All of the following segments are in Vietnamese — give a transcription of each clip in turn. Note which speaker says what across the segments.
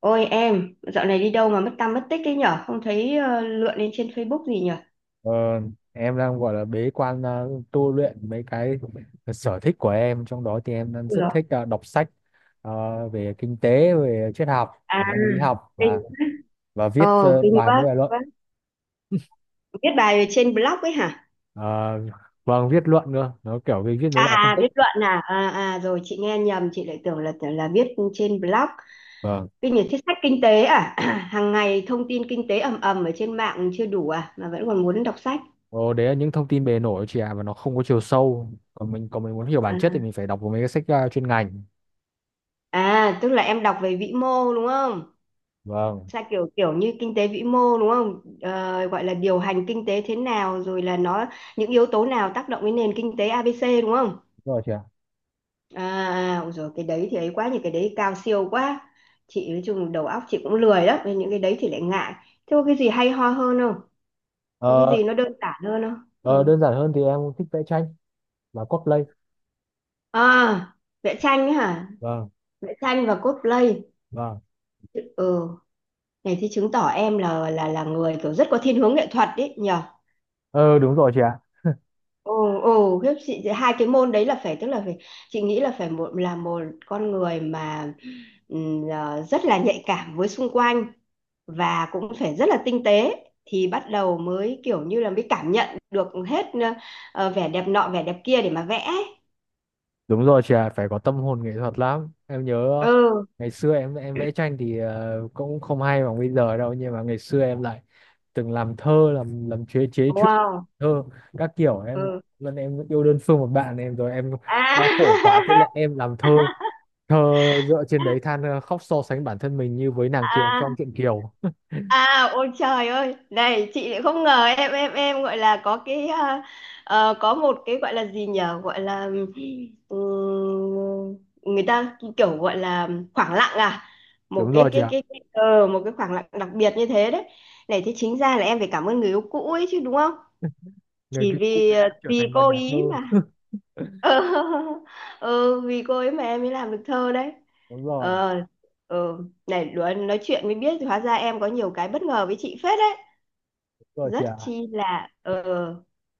Speaker 1: Ôi em, dạo này đi đâu mà mất tăm mất tích ấy nhở? Không thấy lượn lên trên Facebook gì nhở?
Speaker 2: Ờ, em đang gọi là bế quan tu luyện mấy cái sở thích của em, trong đó thì em đang
Speaker 1: Ui
Speaker 2: rất
Speaker 1: dồi,
Speaker 2: thích đọc sách ờ, về kinh tế, về triết học
Speaker 1: à,
Speaker 2: và tâm lý học,
Speaker 1: kinh,
Speaker 2: và viết
Speaker 1: kinh
Speaker 2: bài mấy
Speaker 1: quá,
Speaker 2: bài luận.
Speaker 1: quá. Viết bài trên blog ấy hả?
Speaker 2: Ờ, vâng, viết luận nữa, nó kiểu về viết mấy
Speaker 1: À,
Speaker 2: bài phân
Speaker 1: à,
Speaker 2: tích.
Speaker 1: viết luận à? À, à, rồi chị nghe nhầm, chị lại tưởng là viết trên blog.
Speaker 2: Vâng.
Speaker 1: Kinh nhật thích sách kinh tế à? Hàng ngày thông tin kinh tế ầm ầm ở trên mạng chưa đủ à? Mà vẫn còn muốn đọc sách.
Speaker 2: Ồ, đấy là những thông tin bề nổi chị ạ, và nó không có chiều sâu. Còn mình muốn hiểu bản
Speaker 1: À,
Speaker 2: chất thì mình phải đọc mấy cái sách chuyên ngành.
Speaker 1: à, tức là em đọc về vĩ mô đúng không?
Speaker 2: Vâng.
Speaker 1: Sao kiểu kiểu như kinh tế vĩ mô đúng không? Ờ, gọi là điều hành kinh tế thế nào rồi là nó những yếu tố nào tác động đến nền kinh tế ABC đúng không?
Speaker 2: Đúng rồi chị ạ.
Speaker 1: À, rồi cái đấy thì ấy quá, những cái đấy cao siêu quá. Chị nói chung đầu óc chị cũng lười lắm nên những cái đấy thì lại ngại. Thế có cái gì hay ho hơn không? Có cái
Speaker 2: Ờ,
Speaker 1: gì nó đơn giản hơn không?
Speaker 2: ờ,
Speaker 1: Ừ.
Speaker 2: Đơn giản hơn thì em thích vẽ tranh và cosplay.
Speaker 1: À, vẽ tranh ấy hả?
Speaker 2: Vâng.
Speaker 1: Vẽ tranh và cosplay.
Speaker 2: Vâng.
Speaker 1: Ừ, này thì chứng tỏ em là người kiểu rất có thiên hướng nghệ thuật đấy nhỉ?
Speaker 2: Ờ Đúng rồi chị ạ.
Speaker 1: Ồ, ồ, khiếp chị, hai cái môn đấy là phải, tức là phải, chị nghĩ là phải, một là một con người mà à, rất là nhạy cảm với xung quanh, và cũng phải rất là tinh tế, thì bắt đầu mới kiểu như là mới cảm nhận được hết vẻ đẹp nọ vẻ đẹp kia để mà vẽ ấy.
Speaker 2: Đúng rồi chị ạ, phải có tâm hồn nghệ thuật lắm. Em nhớ
Speaker 1: Ừ,
Speaker 2: ngày xưa em vẽ tranh thì cũng không hay bằng bây giờ đâu, nhưng mà ngày xưa em lại từng làm thơ, làm chế chế truyện
Speaker 1: wow.
Speaker 2: thơ các kiểu. em
Speaker 1: Ừ.
Speaker 2: lần em yêu đơn phương một bạn, em rồi em đau khổ quá,
Speaker 1: À.
Speaker 2: thế là em làm thơ thơ dựa trên đấy, than khóc, so sánh bản thân mình như với nàng Kiều trong truyện Kiều.
Speaker 1: À, ôi trời ơi, này chị lại không ngờ em em gọi là có cái à, có một cái gọi là gì nhở, gọi là ừm, người ta kiểu gọi là khoảng lặng à, một
Speaker 2: Đúng
Speaker 1: cái
Speaker 2: rồi chị
Speaker 1: cái
Speaker 2: ạ.
Speaker 1: cái, cái một cái khoảng lặng đặc biệt như thế đấy. Này thế chính ra là em phải cảm ơn người yêu cũ ấy chứ đúng không?
Speaker 2: Người
Speaker 1: Chỉ
Speaker 2: kia cũng
Speaker 1: vì
Speaker 2: cái này em trở
Speaker 1: vì
Speaker 2: thành một
Speaker 1: cô
Speaker 2: nhà thơ.
Speaker 1: ý mà ừ, ừ, vì cô ấy mà em mới làm được thơ đấy.
Speaker 2: Đúng rồi,
Speaker 1: Ờ, ừ. Này luôn nói chuyện mới biết hóa ra em có nhiều cái bất ngờ với chị phết đấy,
Speaker 2: đúng rồi chị
Speaker 1: rất
Speaker 2: ạ.
Speaker 1: chi là ờ,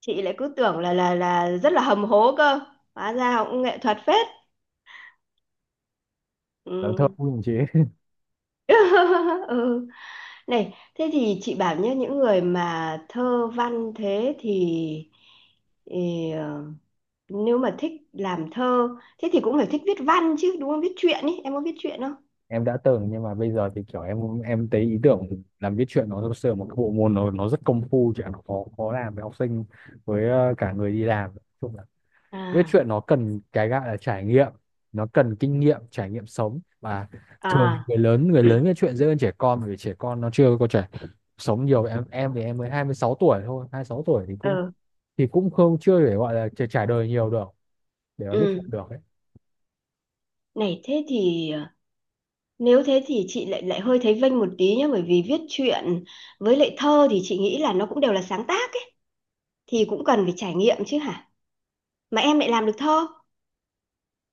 Speaker 1: chị lại cứ tưởng là rất là hầm hố cơ, hóa ra cũng nghệ thuật phết.
Speaker 2: Làm thơ
Speaker 1: Ừ.
Speaker 2: cũng chị.
Speaker 1: Ừ. Này thế thì chị bảo nhé, những người mà thơ văn thế thì nếu mà thích làm thơ thế thì cũng phải thích viết văn chứ đúng không? Viết truyện ý, em có viết truyện không?
Speaker 2: Em đã từng, nhưng mà bây giờ thì kiểu em thấy ý tưởng làm viết truyện nó thực sự là một cái bộ môn, nó rất công phu, chứ nó khó khó làm với học sinh, với cả người đi làm. Nói chung là viết
Speaker 1: À,
Speaker 2: truyện nó cần cái gọi là trải nghiệm, nó cần kinh nghiệm, trải nghiệm sống. Và thường thì
Speaker 1: à,
Speaker 2: người lớn viết truyện dễ hơn trẻ con, bởi vì trẻ con nó chưa có trải sống nhiều. Em thì em mới 26 tuổi thôi, 26 tuổi thì cũng,
Speaker 1: ờ,
Speaker 2: thì cũng không, chưa để gọi là trải trải đời nhiều được để mà viết truyện
Speaker 1: ừ,
Speaker 2: được ấy.
Speaker 1: này thế thì ờ, nếu thế thì chị lại lại hơi thấy vênh một tí nhá, bởi vì viết truyện với lại thơ thì chị nghĩ là nó cũng đều là sáng tác ấy, thì cũng cần phải trải nghiệm chứ hả, mà em lại làm được thơ.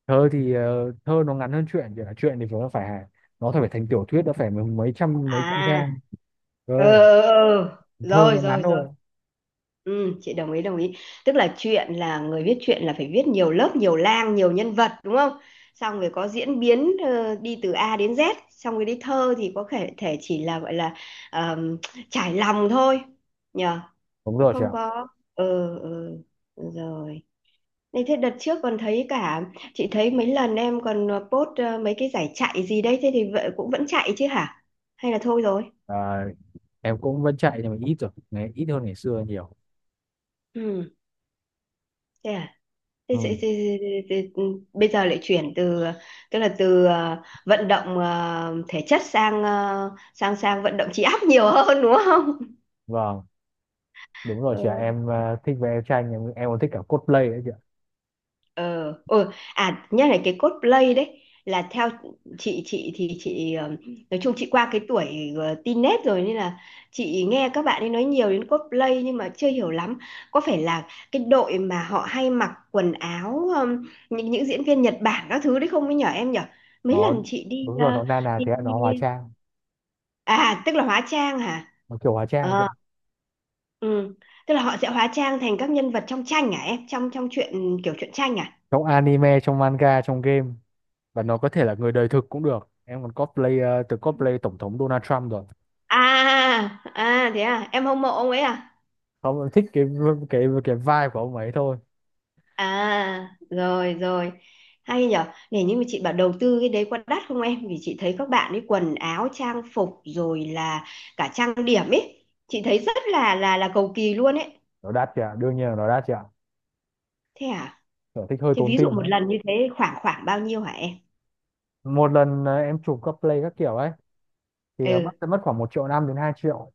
Speaker 2: Thơ thì thơ nó ngắn hơn truyện, chỉ là truyện thì nó phải thành tiểu thuyết, nó phải mấy mấy trăm
Speaker 1: À,
Speaker 2: trang
Speaker 1: ờ,
Speaker 2: cơ.
Speaker 1: ờ, ờ.
Speaker 2: Thơ
Speaker 1: Rồi
Speaker 2: nó ngắn
Speaker 1: rồi rồi.
Speaker 2: thôi.
Speaker 1: Ừ, chị đồng ý đồng ý. Tức là chuyện là người viết truyện là phải viết nhiều lớp nhiều lang nhiều nhân vật đúng không, xong rồi có diễn biến đi từ A đến Z, xong rồi đi thơ thì có thể thể chỉ là gọi là ờm, trải lòng thôi, nhờ,
Speaker 2: Đúng
Speaker 1: cũng
Speaker 2: rồi chị
Speaker 1: không
Speaker 2: ạ.
Speaker 1: có. Ừ, ừ. Rồi. Này thế đợt trước còn thấy cả, chị thấy mấy lần em còn post mấy cái giải chạy gì đấy, thế thì vậy cũng vẫn chạy chứ hả, hay là thôi rồi?
Speaker 2: à, em cũng vẫn chạy nhưng mà ít rồi, ngày ít hơn ngày xưa nhiều.
Speaker 1: Ừ, thế à? Thế,
Speaker 2: Ừ,
Speaker 1: thế, thế, thế, thế, thế, ừ, bây giờ lại chuyển từ, tức là từ vận động thể chất sang ờ, sang sang vận động trí óc nhiều hơn đúng không?
Speaker 2: vâng, đúng rồi
Speaker 1: Ừ.
Speaker 2: chị ạ, em thích vẽ tranh, em còn thích cả cosplay đấy chị ạ.
Speaker 1: Ờ, ừ. À, nhắc lại cái cosplay đấy, là theo chị, thì chị nói chung chị qua cái tuổi teen nết rồi nên là chị nghe các bạn ấy nói nhiều đến cosplay nhưng mà chưa hiểu lắm. Có phải là cái đội mà họ hay mặc quần áo những diễn viên Nhật Bản các thứ đấy không ấy nhở, em nhở? Mấy
Speaker 2: Nó
Speaker 1: lần chị đi,
Speaker 2: đúng rồi, nó na nà
Speaker 1: đi,
Speaker 2: thế ạ, nó hóa
Speaker 1: đi
Speaker 2: trang,
Speaker 1: À tức là hóa trang hả?
Speaker 2: nó kiểu hóa trang chị
Speaker 1: Ờ,
Speaker 2: ạ.
Speaker 1: ừ. Tức là họ sẽ hóa trang thành các nhân vật trong tranh hả em, trong trong truyện kiểu truyện tranh à?
Speaker 2: Trong anime, trong manga, trong game, và nó có thể là người đời thực cũng được. Em còn cosplay, từng cosplay tổng thống Donald Trump rồi.
Speaker 1: À, à, thế à, em hâm mộ ông ấy à?
Speaker 2: Không, em thích cái cái vibe của ông ấy thôi.
Speaker 1: À rồi rồi, hay nhở. Này nhưng mà chị bảo, đầu tư cái đấy có đắt không em, vì chị thấy các bạn ấy quần áo trang phục rồi là cả trang điểm ấy, chị thấy rất là cầu kỳ luôn ấy.
Speaker 2: Nó đắt chị, đương nhiên là nó đắt chị.
Speaker 1: Thế à?
Speaker 2: Sở thích hơi
Speaker 1: Thế
Speaker 2: tốn
Speaker 1: ví
Speaker 2: tiền
Speaker 1: dụ một
Speaker 2: đấy.
Speaker 1: lần như thế khoảng khoảng bao nhiêu hả em?
Speaker 2: Một lần em chụp các play các kiểu ấy thì mất
Speaker 1: Ừ,
Speaker 2: sẽ mất khoảng một triệu năm đến 2 triệu.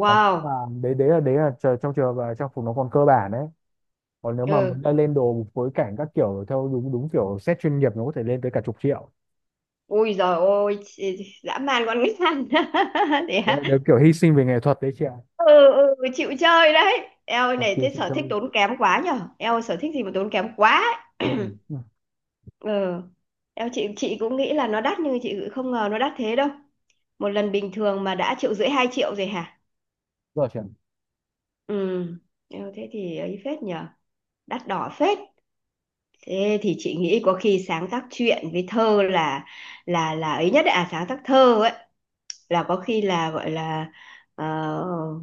Speaker 2: Còn nếu mà, đấy đấy là trong trường hợp là trang phục nó còn cơ bản đấy. Còn nếu mà muốn
Speaker 1: Ừ.
Speaker 2: lên đồ phối cảnh các kiểu theo đúng đúng kiểu set chuyên nghiệp, nó có thể lên tới cả chục triệu.
Speaker 1: Ui giời ôi, chị- dã man con nít ăn.
Speaker 2: Đấy là đều kiểu hy sinh về nghệ thuật đấy chị ạ.
Speaker 1: Ừ, ừ, chịu chơi đấy, eo ơi,
Speaker 2: Còn
Speaker 1: này
Speaker 2: tiền
Speaker 1: thế
Speaker 2: chị
Speaker 1: sở
Speaker 2: chơi.
Speaker 1: thích tốn kém quá nhở, eo ơi, sở thích gì mà tốn kém quá ấy.
Speaker 2: Ừ. Ừ.
Speaker 1: Ừ, eo chị cũng nghĩ là nó đắt nhưng chị không ngờ nó đắt thế đâu. Một lần bình thường mà đã triệu rưỡi hai triệu rồi hả?
Speaker 2: Rồi chị ạ.
Speaker 1: Ừ, eo thế thì ấy phết nhở, đắt đỏ phết. Thế thì chị nghĩ có khi sáng tác truyện với thơ là ấy nhất đấy, à sáng tác thơ ấy, là có khi là gọi là ờ,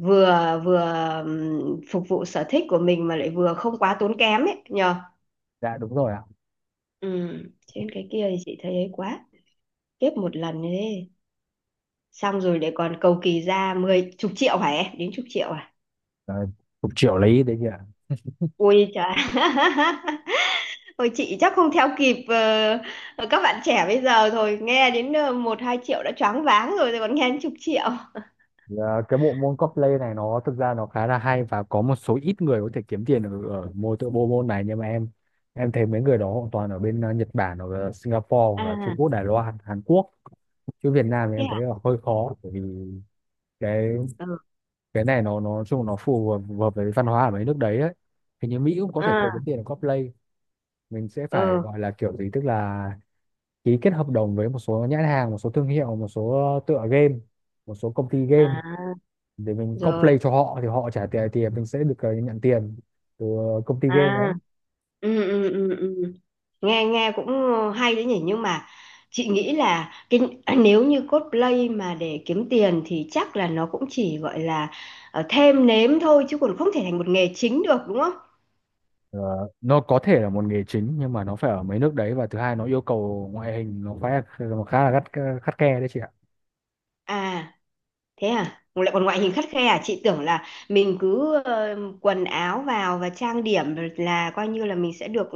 Speaker 1: vừa vừa phục vụ sở thích của mình mà lại vừa không quá tốn kém ấy nhờ.
Speaker 2: Dạ đúng rồi ạ.
Speaker 1: Ừ. Trên cái kia thì chị thấy ấy quá, kiếp một lần như thế, xong rồi để còn cầu kỳ ra mười chục triệu hả em, đến chục triệu à?
Speaker 2: Đấy, chục triệu lấy đấy chị ạ.
Speaker 1: Ui trời. Ôi chị chắc không theo kịp các bạn trẻ bây giờ thôi, nghe đến một hai triệu đã choáng váng rồi, rồi còn nghe đến chục triệu.
Speaker 2: Ờ, cái bộ môn cosplay này nó thực ra nó khá là hay, và có một số ít người có thể kiếm tiền ở môn tự bộ môn này, nhưng mà em thấy mấy người đó hoàn toàn ở bên Nhật Bản, hoặc là Singapore, hoặc là Trung
Speaker 1: À
Speaker 2: Quốc, Đài Loan, Hàn Quốc. Chứ Việt Nam thì
Speaker 1: thế
Speaker 2: em thấy
Speaker 1: à,
Speaker 2: là hơi khó, bởi vì cái
Speaker 1: ừ.
Speaker 2: cái này nó nói chung nó phù hợp với văn hóa ở mấy nước đấy ấy. Hình như Mỹ cũng có thể có kiếm
Speaker 1: À,
Speaker 2: tiền ở cosplay. Mình sẽ phải
Speaker 1: ừ.
Speaker 2: gọi là kiểu gì, tức là ký kết hợp đồng với một số nhãn hàng, một số thương hiệu, một số tựa game, một số công ty game,
Speaker 1: À
Speaker 2: để mình
Speaker 1: rồi.
Speaker 2: cosplay cho họ thì họ trả tiền, thì mình sẽ được nhận tiền từ công ty game đấy.
Speaker 1: À. Ừ ừ ừ ừ. Nghe nghe cũng hay đấy nhỉ, nhưng mà chị nghĩ là cái nếu như cosplay mà để kiếm tiền thì chắc là nó cũng chỉ gọi là thêm nếm thôi chứ còn không thể thành một nghề chính được đúng không?
Speaker 2: Ờ, nó có thể là một nghề chính nhưng mà nó phải ở mấy nước đấy, và thứ hai nó yêu cầu ngoại hình, nó phải, nó khá là gắt, khắt khe đấy chị ạ.
Speaker 1: À thế à, lại còn ngoại hình khắt khe à? Chị tưởng là mình cứ quần áo vào và trang điểm là coi như là mình sẽ được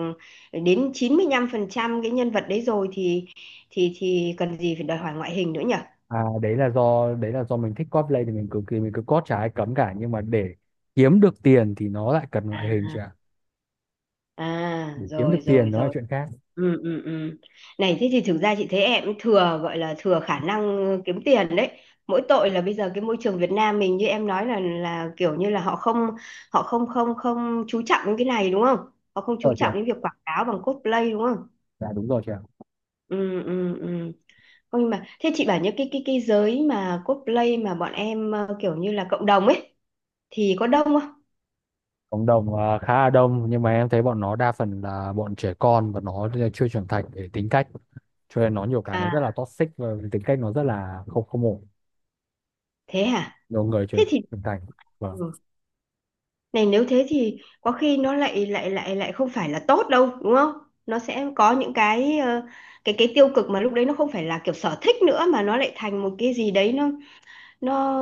Speaker 1: ừ, đến 95% cái nhân vật đấy rồi thì cần gì phải đòi hỏi ngoại hình nữa nhỉ?
Speaker 2: Đấy là do mình thích cosplay thì mình cực kỳ, mình cứ cos chả ai cấm cả, nhưng mà để kiếm được tiền thì nó lại cần
Speaker 1: À.
Speaker 2: ngoại hình chị ạ.
Speaker 1: À,
Speaker 2: Để kiếm
Speaker 1: rồi
Speaker 2: được
Speaker 1: rồi
Speaker 2: tiền nó là
Speaker 1: rồi.
Speaker 2: chuyện khác.
Speaker 1: Ừ ừ ừ. Này thế thì thực ra chị thấy em cũng thừa, gọi là thừa khả năng kiếm tiền đấy. Mỗi tội là bây giờ cái môi trường Việt Nam mình như em nói là kiểu như là họ không, họ không không không chú trọng đến cái này đúng không? Họ không
Speaker 2: Ờ
Speaker 1: chú
Speaker 2: chị ạ.
Speaker 1: trọng đến việc quảng cáo bằng cosplay đúng không?
Speaker 2: Dạ đúng rồi chị ạ.
Speaker 1: Ừ ừ ừ. Không, nhưng mà thế chị bảo, những cái giới mà cosplay mà bọn em kiểu như là cộng đồng ấy thì có đông không?
Speaker 2: Cộng đồng khá là đông, nhưng mà em thấy bọn nó đa phần là bọn trẻ con, và nó chưa trưởng thành để tính cách, cho nên nó nhiều cái nó rất là
Speaker 1: À
Speaker 2: toxic, và tính cách nó rất là không không ổn.
Speaker 1: thế hả?
Speaker 2: Nhiều người trưởng
Speaker 1: Thế thì
Speaker 2: trưởng thành. Vâng.
Speaker 1: ừ. Này nếu thế thì có khi nó lại lại lại lại không phải là tốt đâu đúng không, nó sẽ có những cái cái tiêu cực, mà lúc đấy nó không phải là kiểu sở thích nữa mà nó lại thành một cái gì đấy nó nó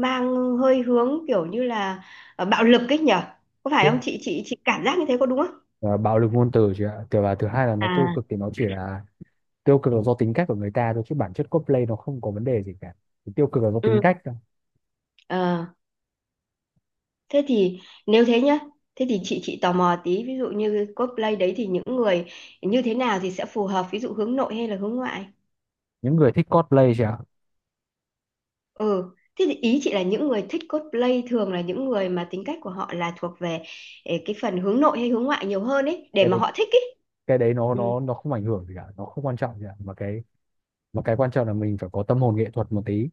Speaker 1: mang hơi hướng kiểu như là bạo lực ấy nhở. Có phải không chị, chị cảm giác như thế có đúng không?
Speaker 2: Và bạo lực ngôn từ chứ ạ. Thứ hai là nó tiêu
Speaker 1: À,
Speaker 2: cực, thì nó chỉ là tiêu cực là do tính cách của người ta thôi, chứ bản chất cosplay nó không có vấn đề gì cả. Thì tiêu cực là do tính
Speaker 1: ừ,
Speaker 2: cách thôi.
Speaker 1: ờ, thế thì nếu thế nhá, thế thì chị, tò mò tí, ví dụ như cosplay đấy thì những người như thế nào thì sẽ phù hợp, ví dụ hướng nội hay là hướng ngoại?
Speaker 2: Những người thích cosplay chứ ạ.
Speaker 1: Ừ, thế thì ý chị là những người thích cosplay thường là những người mà tính cách của họ là thuộc về eh, cái phần hướng nội hay hướng ngoại nhiều hơn ấy, để
Speaker 2: Cái
Speaker 1: mà
Speaker 2: đấy
Speaker 1: họ thích ấy.
Speaker 2: cái đấy nó
Speaker 1: Ừ.
Speaker 2: nó nó không ảnh hưởng gì cả, nó không quan trọng gì cả. Mà cái quan trọng là mình phải có tâm hồn nghệ thuật một tí,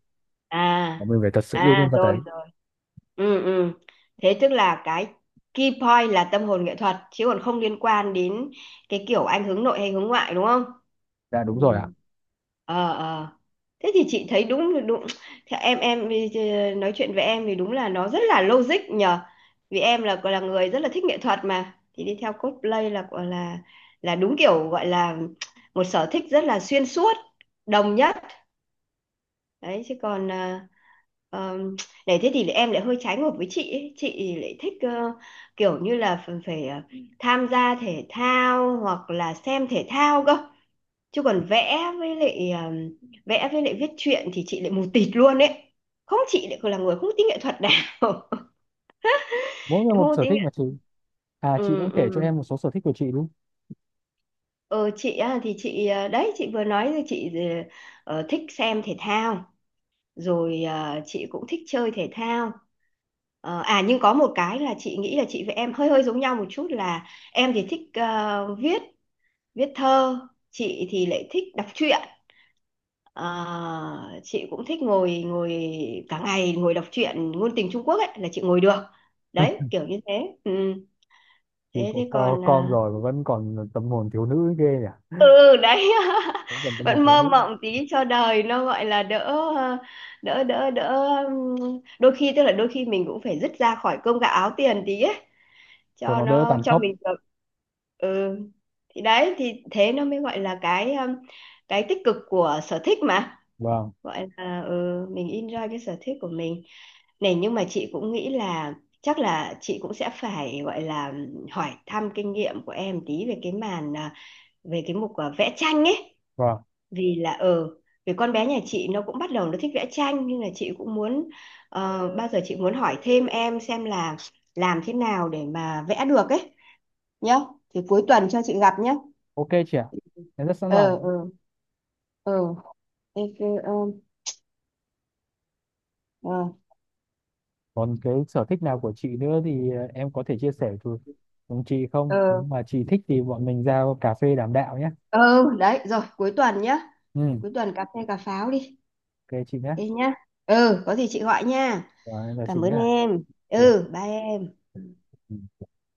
Speaker 1: À
Speaker 2: và mình phải thật sự yêu nhân
Speaker 1: à
Speaker 2: vật
Speaker 1: rồi
Speaker 2: đấy.
Speaker 1: rồi. Ừ ừ. Thế tức là cái key point là tâm hồn nghệ thuật chứ còn không liên quan đến cái kiểu anh hướng nội hay hướng ngoại đúng không?
Speaker 2: Dạ đúng rồi
Speaker 1: Ừ.
Speaker 2: ạ.
Speaker 1: Ờ ờ, thế thì chị thấy đúng đúng, thì em đi- nói chuyện với em thì đúng là nó rất là logic nhờ, vì em là người rất là thích nghệ thuật mà, thì đi theo cosplay là gọi là đúng kiểu gọi là một sở thích rất là xuyên suốt, đồng nhất đấy chứ còn à, ờm, này thế thì em lại hơi trái ngược với chị ấy. Chị lại thích kiểu như là phải, phải tham gia thể thao hoặc là xem thể thao cơ, chứ còn vẽ với lại viết truyện thì chị lại mù tịt luôn ấy, không chị lại còn là người không tính nghệ thuật này.
Speaker 2: Mỗi người
Speaker 1: Không
Speaker 2: một
Speaker 1: có
Speaker 2: sở
Speaker 1: tính
Speaker 2: thích mà
Speaker 1: nghệ.
Speaker 2: chị. À,
Speaker 1: Ừ
Speaker 2: chị cũng kể cho
Speaker 1: ừ.
Speaker 2: em một số sở thích của chị đúng.
Speaker 1: Ờ, chị á, thì chị đấy chị vừa nói rồi, chị thích xem thể thao, rồi à, chị cũng thích chơi thể thao. Ờ, à nhưng có một cái là chị nghĩ là chị với em hơi hơi giống nhau một chút là em thì thích viết, viết thơ, chị thì lại thích đọc truyện. Ờ, chị cũng thích ngồi, ngồi cả ngày ngồi đọc truyện ngôn tình Trung Quốc ấy, là chị ngồi được đấy kiểu như thế. Ừ.
Speaker 2: Thì
Speaker 1: Thế
Speaker 2: có
Speaker 1: thế còn
Speaker 2: con rồi mà vẫn còn tâm hồn thiếu nữ ghê nhỉ.
Speaker 1: ừ đấy.
Speaker 2: Vẫn còn tâm hồn
Speaker 1: Vẫn
Speaker 2: thiếu
Speaker 1: mơ
Speaker 2: nữ
Speaker 1: mộng tí cho đời nó gọi là đỡ, ờ, đỡ đôi khi, tức là đôi khi mình cũng phải dứt ra khỏi cơm gạo áo tiền tí ấy,
Speaker 2: cho
Speaker 1: cho
Speaker 2: nó đỡ
Speaker 1: nó
Speaker 2: tàn
Speaker 1: cho
Speaker 2: khốc.
Speaker 1: mình được. Ừ, thì đấy, thì thế nó mới gọi là cái tích cực của sở thích mà,
Speaker 2: Vâng.
Speaker 1: gọi là ừ, mình enjoy cái sở thích của mình. Này nhưng mà chị cũng nghĩ là chắc là chị cũng sẽ phải gọi là hỏi thăm kinh nghiệm của em tí về cái màn à, về cái mục à, vẽ tranh ấy.
Speaker 2: Vâng.
Speaker 1: Vì là ờ, vì con bé nhà chị nó cũng bắt đầu nó thích vẽ tranh, nhưng là chị cũng muốn bao giờ chị muốn hỏi thêm em xem là làm thế nào để mà vẽ được ấy nhá, thì cuối tuần cho chị gặp nhá.
Speaker 2: Ok chị ạ, em rất sẵn
Speaker 1: Ờ
Speaker 2: lòng.
Speaker 1: ờ ờ. Thế, ờ, ờ.
Speaker 2: Còn cái sở thích nào của chị nữa thì em có thể chia sẻ với cùng chị không? Nếu
Speaker 1: Ờ,
Speaker 2: mà chị thích thì bọn mình ra cà phê đàm đạo nhé.
Speaker 1: ừ đấy, rồi cuối tuần nhá,
Speaker 2: Ừ.
Speaker 1: cuối tuần cà phê cà pháo đi.
Speaker 2: Ok chị nhé.
Speaker 1: Thế nhá, ừ có gì chị gọi nha.
Speaker 2: Rồi em chào chị
Speaker 1: Cảm ơn
Speaker 2: nhé.
Speaker 1: em.
Speaker 2: Chị ạ.
Speaker 1: Ừ, bye em.
Speaker 2: Ừ.